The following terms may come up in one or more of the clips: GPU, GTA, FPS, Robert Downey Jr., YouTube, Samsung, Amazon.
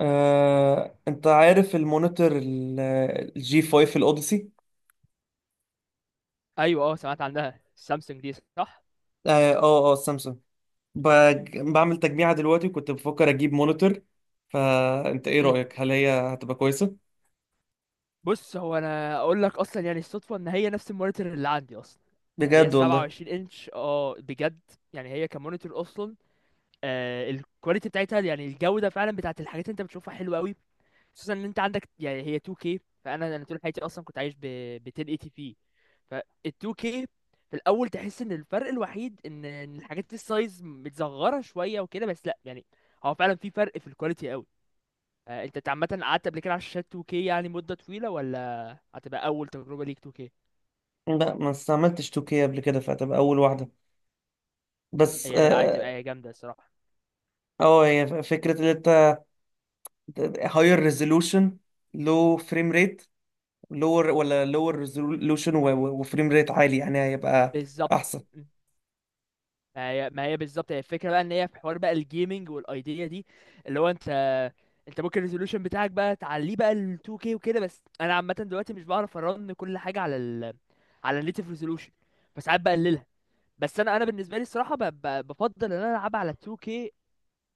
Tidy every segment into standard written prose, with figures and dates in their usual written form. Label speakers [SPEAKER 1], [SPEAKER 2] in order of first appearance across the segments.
[SPEAKER 1] انت عارف المونيتور الجي 5 الاوديسي؟
[SPEAKER 2] ايوه سمعت عنها السامسونج دي صح.
[SPEAKER 1] سامسونج. بعمل تجميعة دلوقتي، وكنت بفكر اجيب مونيتور، فانت ايه
[SPEAKER 2] مم.
[SPEAKER 1] رأيك؟ هل هي هتبقى كويسة؟
[SPEAKER 2] بص، هو انا اقول لك اصلا يعني الصدفه ان هي نفس المونيتور اللي عندي اصلا. هي
[SPEAKER 1] بجد والله.
[SPEAKER 2] 27 انش بجد. يعني هي كمونيتور اصلا. الكواليتي بتاعتها يعني الجوده فعلا بتاعت الحاجات اللي انت بتشوفها حلوه قوي، خصوصا ان انت عندك يعني هي 2K. فانا طول حياتي اصلا كنت عايش ب 1080 بي، فال 2K في الاول تحس ان الفرق الوحيد إن الحاجات دي السايز متزغره شويه وكده، بس لا يعني هو فعلا في فرق في الكواليتي قوي. انت عامه قعدت قبل كده على الشاشات 2K يعني مده طويله، ولا هتبقى اول تجربه ليك 2K؟
[SPEAKER 1] لا، ما استعملتش 2K قبل كده، فهتبقى اول واحدة. بس
[SPEAKER 2] هي لا، هتبقى هي جامده الصراحه.
[SPEAKER 1] هي فكرة ان انت هاير ريزولوشن لو فريم ريت لور، ولا لور ريزولوشن وفريم ريت عالي، يعني هيبقى
[SPEAKER 2] بالظبط.
[SPEAKER 1] احسن.
[SPEAKER 2] ما هي بالظبط هي الفكره بقى، ان هي في حوار بقى الجيمنج والايديا دي، اللي هو انت ممكن الريزولوشن بتاعك بقى تعليه بقى ل 2K وكده. بس انا عامه دلوقتي مش بعرف ارن كل حاجه على النيتف ريزولوشن، فساعات بقللها. بس انا بالنسبه لي الصراحه بفضل ان انا العبها على 2K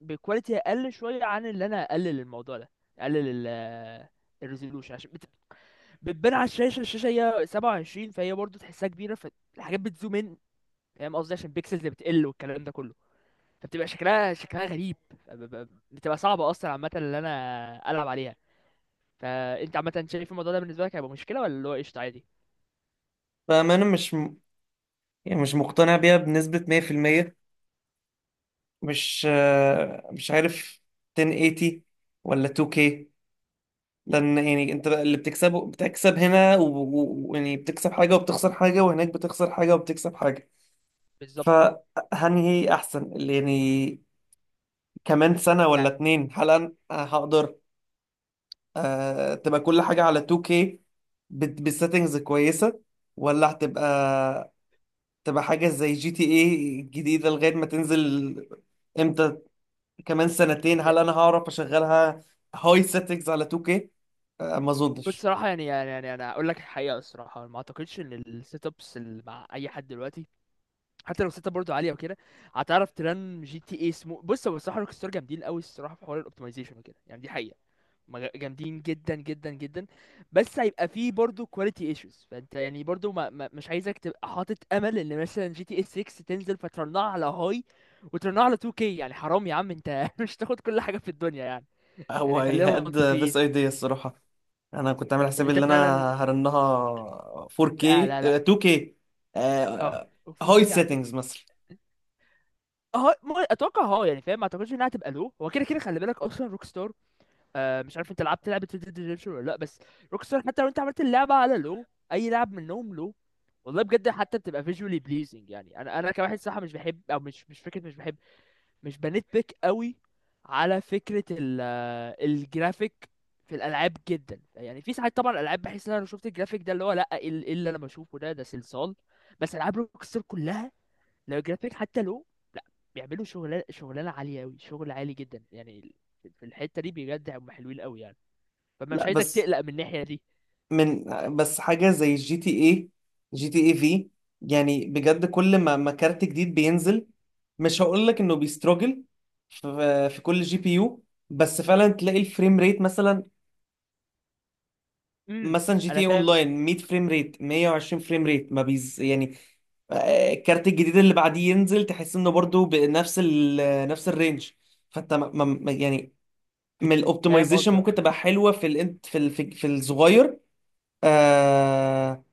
[SPEAKER 2] بكواليتي اقل شويه، عن اللي انا اقلل الموضوع ده، اقلل الريزولوشن عشان بتبان على الشاشه هي 27، فهي برضه تحسها كبيره، فالحاجات بتزوم، ان فاهم قصدي، عشان البيكسلز بتقل والكلام ده كله، فبتبقى شكلها غريب. بتبقى صعبة أصلا عامة اللي أنا ألعب عليها. فأنت عامة شايف الموضوع ده بالنسبة لك هيبقى مشكلة، ولا اللي هو قشطة عادي؟
[SPEAKER 1] فانا مش يعني مش مقتنع بيها بنسبة 100%. مش عارف، 1080 ولا 2K؟ لأن يعني أنت اللي بتكسبه، بتكسب هنا ويعني بتكسب حاجة وبتخسر حاجة، وهناك بتخسر حاجة وبتكسب حاجة.
[SPEAKER 2] بالظبط.
[SPEAKER 1] فهنهي أحسن، اللي يعني كمان سنة ولا
[SPEAKER 2] يعني
[SPEAKER 1] اتنين هل أنا هقدر تبقى كل حاجة على 2K بالسيتنجز كويسة؟ ولا هتبقى حاجة زي جي تي ايه الجديدة لغاية ما تنزل امتى؟ كمان سنتين هل
[SPEAKER 2] يعني-
[SPEAKER 1] انا هعرف اشغلها هاي سيتنجز على 2K؟ ما
[SPEAKER 2] بص
[SPEAKER 1] اظنش.
[SPEAKER 2] الصراحة، يعني أنا أقول لك الحقيقة، الصراحة ما أعتقدش إن السيت أبس اللي مع أي حد دلوقتي، حتى لو السيت أب برضه عالية وكده، هتعرف ترن جي تي اي سمو. بص، هو الصراحة روك ستار جامدين قوي الصراحة في حوار الأوبتمايزيشن وكده، يعني دي حقيقة. جامدين جدا جدا جدا. بس هيبقى فيه برضو كواليتي ايشوز، فانت يعني برضو ما ما مش عايزك تبقى حاطط امل ان مثلا جي تي اس 6 تنزل فترنها على هاي وترنها على 2K. يعني حرام يا عم انت مش تاخد كل حاجة في الدنيا يعني.
[SPEAKER 1] هو
[SPEAKER 2] يعني خلينا
[SPEAKER 1] هيهد ذس
[SPEAKER 2] منطقيين.
[SPEAKER 1] ايديا الصراحه. انا كنت عامل
[SPEAKER 2] اللي
[SPEAKER 1] حسابي
[SPEAKER 2] انت
[SPEAKER 1] ان انا
[SPEAKER 2] فعلا.
[SPEAKER 1] هرنها
[SPEAKER 2] لا
[SPEAKER 1] 4K.
[SPEAKER 2] لا لا،
[SPEAKER 1] 2K
[SPEAKER 2] اه
[SPEAKER 1] هاي
[SPEAKER 2] 4K يا عم؟
[SPEAKER 1] سيتنجز مثلا.
[SPEAKER 2] اه، اتوقع، يعني فاهم، ما اعتقدش انها هتبقى، لو هو كده كده خلي بالك اصلا. روك. مش عارف، انت لعبت لعبه Red Dead Redemption ولا لا؟ بس روكستار حتى لو انت عملت اللعبه على، لو اي لعب منهم، لو والله بجد، حتى بتبقى visually pleasing. يعني انا كواحد صراحه مش بحب، او مش فكره مش بحب، مش بنت بيك قوي على فكره، ال آه، الجرافيك في الالعاب جدا. يعني في ساعات طبعا الالعاب بحس ان انا لو شفت الجرافيك ده، اللي هو لا ايه إيه اللي انا بشوفه ده صلصال. بس العاب روكستار كلها، لو الجرافيك حتى لو، لا، بيعملوا شغلانه عاليه قوي، شغل عالي جدا يعني، في الحته دي بجد هم حلوين قوي يعني. فمش
[SPEAKER 1] لا
[SPEAKER 2] عايزك
[SPEAKER 1] بس،
[SPEAKER 2] تقلق من الناحية دي.
[SPEAKER 1] من بس حاجه زي جي تي اي، جي تي اي في، يعني بجد كل ما كارت جديد بينزل، مش هقول لك انه بيستراجل في كل جي بي يو، بس فعلا تلاقي الفريم ريت مثلا
[SPEAKER 2] امم.
[SPEAKER 1] مثلا جي تي
[SPEAKER 2] انا
[SPEAKER 1] إيه
[SPEAKER 2] فاهم.
[SPEAKER 1] اونلاين 100 فريم ريت، 120 فريم ريت ما بيز يعني. الكارت الجديد اللي بعديه ينزل تحس انه برضو بنفس نفس الرينج. فانت يعني من
[SPEAKER 2] فاهم
[SPEAKER 1] الاوبتمايزيشن ممكن
[SPEAKER 2] قصدك.
[SPEAKER 1] تبقى حلوه في ال في ال في في الصغير. آه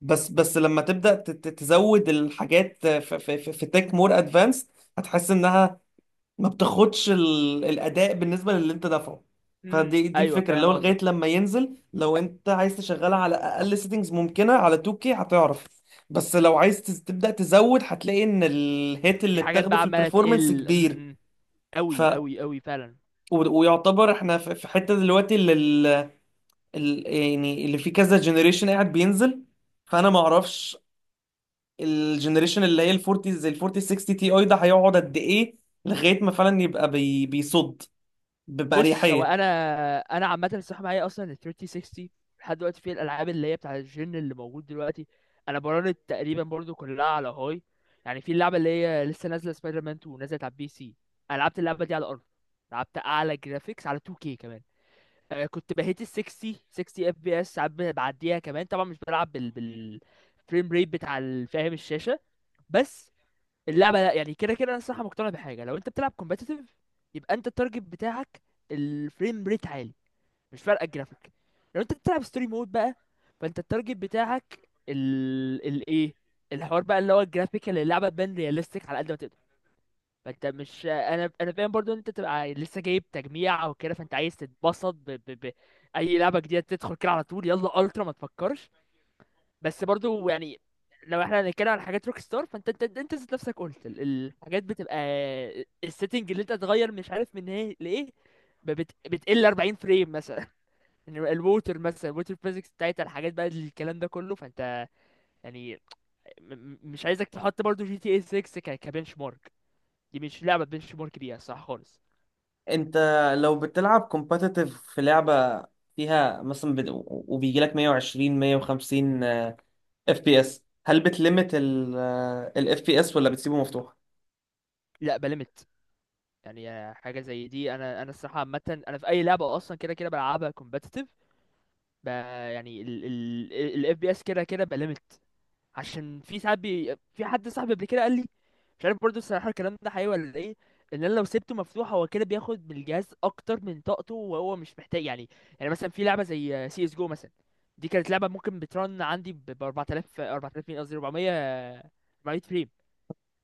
[SPEAKER 1] بس لما تبدا تزود الحاجات في تك مور ادفانس، هتحس انها ما بتاخدش الاداء بالنسبه للي انت دافعه.
[SPEAKER 2] امم،
[SPEAKER 1] فدي
[SPEAKER 2] ايوه
[SPEAKER 1] الفكره، اللي
[SPEAKER 2] فاهم
[SPEAKER 1] هو لغايه
[SPEAKER 2] قصدك.
[SPEAKER 1] لما ينزل لو انت عايز تشغلها على اقل سيتنجز ممكنه على 2K هتعرف، بس لو عايز تبدا تزود هتلاقي ان الهيت اللي
[SPEAKER 2] في حاجات
[SPEAKER 1] بتاخده
[SPEAKER 2] بقى
[SPEAKER 1] في
[SPEAKER 2] عمالة
[SPEAKER 1] البرفورمانس
[SPEAKER 2] تقل.
[SPEAKER 1] كبير.
[SPEAKER 2] امم.
[SPEAKER 1] ف
[SPEAKER 2] قوي قوي قوي فعلا.
[SPEAKER 1] ويعتبر احنا في حته دلوقتي، اللي يعني اللي في كذا جنريشن قاعد بينزل، فانا ما اعرفش الجنريشن اللي هي ال 40، زي ال 40 60 تي اي، ده هيقعد قد ايه لغايه ما فعلا يبقى بيصد
[SPEAKER 2] بص، هو
[SPEAKER 1] بأريحية.
[SPEAKER 2] انا عامة الصراحة معايا اصلا ال 3060 لحد دلوقتي، في الالعاب اللي هي بتاع الجن اللي موجود دلوقتي، انا براند تقريبا برضو كلها على هاي. يعني في اللعبة اللي هي لسه نازلة سبايدر مان 2، نزلت على البي سي، انا لعبت اللعبة دي على الارض، لعبت اعلى جرافيكس على 2K كمان. كنت بهيت ال 60، 60 اف بي اس ساعات بعديها كمان، طبعا مش بلعب بال فريم ريت بتاع فاهم الشاشه. بس اللعبه لا، يعني كده كده انا الصراحه مقتنع بحاجه، لو انت بتلعب كومبتيتيف يبقى انت التارجت بتاعك الفريم ريت عالي، مش فارقه الجرافيك. لو انت بتلعب ستوري مود بقى، فانت التارجت بتاعك ال ايه، الحوار بقى اللي هو الجرافيك، اللي اللعبه تبان رياليستيك على قد ما تقدر. فانت مش، انا فاهم برضو ان انت تبقى لسه جايب تجميع او كده، فانت عايز تتبسط اي لعبه جديده تدخل كده على طول، يلا الترا ما تفكرش. بس برضو يعني، لو احنا هنتكلم على حاجات روك ستار، فانت انت انت ذات نفسك قلت الحاجات بتبقى، السيتنج اللي انت تغير مش عارف من ايه لايه، بتقل 40 فريم مثلا الووتر فيزيكس بتاعتها، الحاجات بقى، الكلام ده كله، فانت يعني مش عايزك تحط برضو جي تي اي 6 كبنش مارك، دي مش لعبه بنش مارك بيها صح خالص.
[SPEAKER 1] انت لو بتلعب كومباتيتيف في لعبة فيها مثلا وبيجي لك 120، 150 اف بي اس، هل بتلمت الاف بي اس ولا بتسيبه مفتوح؟
[SPEAKER 2] لا، بلمت. يعني حاجه زي دي، انا الصراحه عامه، انا في اي لعبه اصلا كده كده بلعبها كومبتيتيف، ب... يعني الاف بي اس كده كده بلمت. عشان في ساعات في حد صاحبي قبل كده قال لي، مش عارف برضه الصراحه الكلام ده حقيقي ولا ايه، ان انا لو سبته مفتوح هو كده بياخد من الجهاز اكتر من طاقته، وهو مش محتاج يعني. يعني مثلا في لعبه زي سي اس جو مثلا، دي كانت لعبه ممكن بترن عندي ب 4000، 4000 مين قصدي 400، 400 فريم،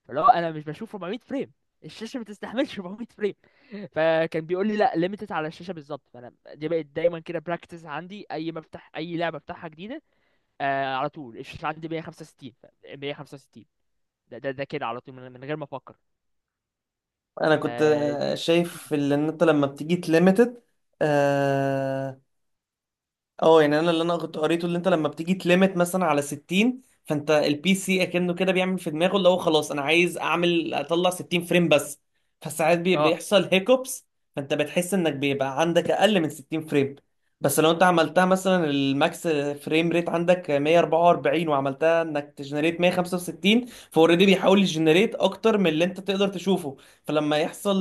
[SPEAKER 2] اللي هو انا مش بشوف 400 فريم، الشاشه ما تستحملش 400 فريم. فكان بيقول لي لا ليميتد على الشاشه بالظبط، فانا دي بقت دايما كده براكتس عندي، اي ما افتح اي لعبه افتحها جديده، على طول الشاشه عندي 165، 165. ده كده على طول، من غير ما افكر.
[SPEAKER 1] انا كنت
[SPEAKER 2] فدي.
[SPEAKER 1] شايف ان انت لما بتيجي تليميتد، اه، يعني اللي انا كنت قريته، اللي انت لما بتيجي تليمت مثلا على 60، فانت البي سي اكنه كده بيعمل في دماغه اللي هو خلاص انا عايز اعمل اطلع 60 فريم بس، فساعات
[SPEAKER 2] اه
[SPEAKER 1] بيحصل هيكوبس، فانت بتحس انك بيبقى عندك اقل من 60 فريم. بس لو انت عملتها مثلا الماكس فريم ريت عندك 144، وعملتها انك تجنريت 165، فاوريدي بيحاول يجنريت اكتر من اللي انت تقدر تشوفه، فلما يحصل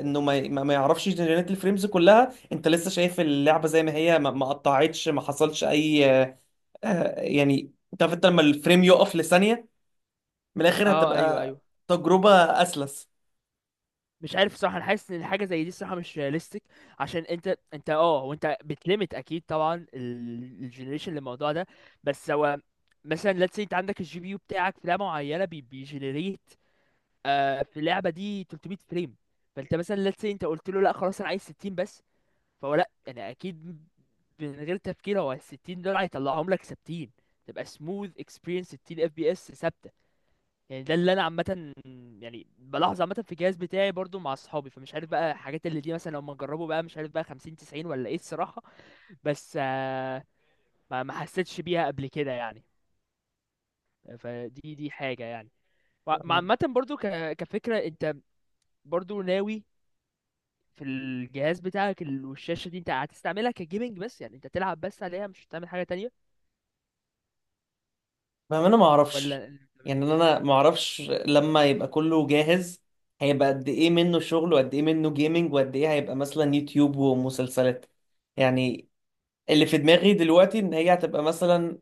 [SPEAKER 1] انه ما يعرفش يجنريت الفريمز كلها، انت لسه شايف اللعبه زي ما هي، ما قطعتش، ما حصلش اي آه، يعني انت عارف، انت لما الفريم يقف لثانيه، من الاخر
[SPEAKER 2] اه ايوه
[SPEAKER 1] هتبقى
[SPEAKER 2] ايوه.
[SPEAKER 1] تجربه اسلس.
[SPEAKER 2] مش عارف صح، انا حاسس ان حاجه زي دي الصراحه مش رياليستيك، عشان انت وانت بتليمت اكيد طبعا الجنريشن للموضوع ده. بس هو مثلا let's say انت عندك الجي بي يو بتاعك في لعبه معينه بيجنريت في اللعبه دي 300 فريم، فانت مثلا let's say انت قلت له لا خلاص انا عايز 60 بس، فهو لا انا اكيد من غير تفكير هو ال 60 دول هيطلعهم لك ثابتين، تبقى smooth experience 60 اف بي اس ثابته. يعني ده اللي انا عامه يعني بلاحظ عامه في الجهاز بتاعي برضو مع اصحابي، فمش عارف بقى الحاجات اللي دي مثلا لما نجربه بقى، مش عارف بقى 50 90 ولا ايه الصراحه، بس ما ما حسيتش بيها قبل كده يعني. فدي حاجه يعني، مع عامه برضو كفكره انت برضو ناوي في الجهاز بتاعك والشاشه دي انت هتستعملها كجيمنج بس، يعني انت تلعب بس عليها مش هتعمل حاجه تانية،
[SPEAKER 1] فاهم، انا ما اعرفش،
[SPEAKER 2] ولا ايه؟
[SPEAKER 1] يعني انا ما اعرفش لما يبقى كله جاهز هيبقى قد ايه منه شغل، وقد ايه منه جيمنج، وقد ايه هيبقى مثلا يوتيوب ومسلسلات. يعني اللي في دماغي دلوقتي ان هي هتبقى مثلا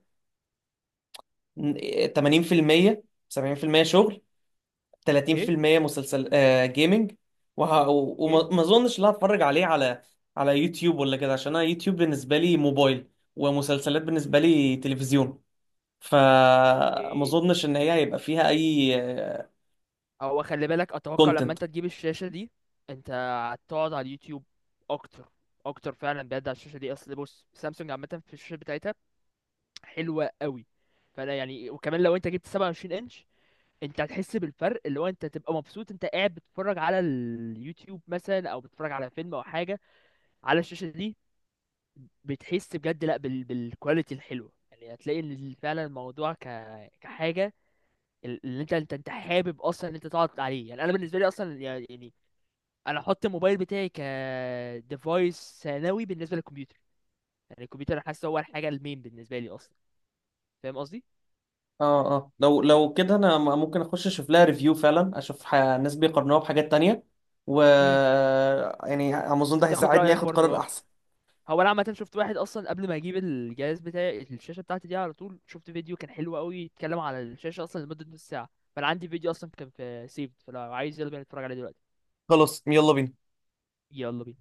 [SPEAKER 1] 80% 70% شغل،
[SPEAKER 2] ايه،
[SPEAKER 1] 30% مسلسل جيمنج،
[SPEAKER 2] ايه،
[SPEAKER 1] وما ما اظنش ان أنا هتفرج عليه على يوتيوب ولا كده، عشان انا يوتيوب بالنسبه لي موبايل، ومسلسلات بالنسبه لي تلفزيون، فما
[SPEAKER 2] إيه؟
[SPEAKER 1] اظنش ان هي هيبقى فيها اي
[SPEAKER 2] هو خلي بالك اتوقع لما
[SPEAKER 1] كونتنت.
[SPEAKER 2] انت تجيب الشاشة دي، انت هتقعد على اليوتيوب اكتر اكتر فعلا بجد، على الشاشة دي اصل، بص سامسونج عامة في الشاشة بتاعتها حلوة قوي. فانا يعني وكمان لو انت جبت 27 انش، انت هتحس بالفرق، اللي هو انت تبقى مبسوط انت قاعد بتتفرج على اليوتيوب مثلا، او بتتفرج على فيلم او حاجة على الشاشة دي، بتحس بجد لا بالكواليتي الحلوة، يعني هتلاقي ان فعلا الموضوع كحاجة اللي انت حابب اصلا ان انت تقعد عليه. يعني انا بالنسبه لي اصلا، يعني انا احط الموبايل بتاعي ك ديفايس ثانوي بالنسبه للكمبيوتر، يعني الكمبيوتر انا حاسه هو الحاجه المين بالنسبه لي اصلا، فاهم قصدي؟
[SPEAKER 1] اه اه، لو كده انا ممكن اخش اشوف لها ريفيو فعلا، اشوف ناس بيقارنوها بحاجات تانية، و
[SPEAKER 2] امم.
[SPEAKER 1] يعني امازون ده
[SPEAKER 2] تاخد
[SPEAKER 1] هيساعدني
[SPEAKER 2] رايك
[SPEAKER 1] اخد
[SPEAKER 2] برضو
[SPEAKER 1] قرار
[SPEAKER 2] اه.
[SPEAKER 1] احسن.
[SPEAKER 2] هو انا عامه شفت واحد اصلا قبل ما اجيب الجهاز بتاعي الشاشه بتاعتي دي، على طول شفت فيديو كان حلو قوي يتكلم على الشاشه اصلا لمده نص ساعه، فانا عندي فيديو اصلا كان في سيفد، فلو عايز يلا بينا نتفرج عليه دلوقتي.
[SPEAKER 1] خلاص، يلا بينا.
[SPEAKER 2] يلا بينا.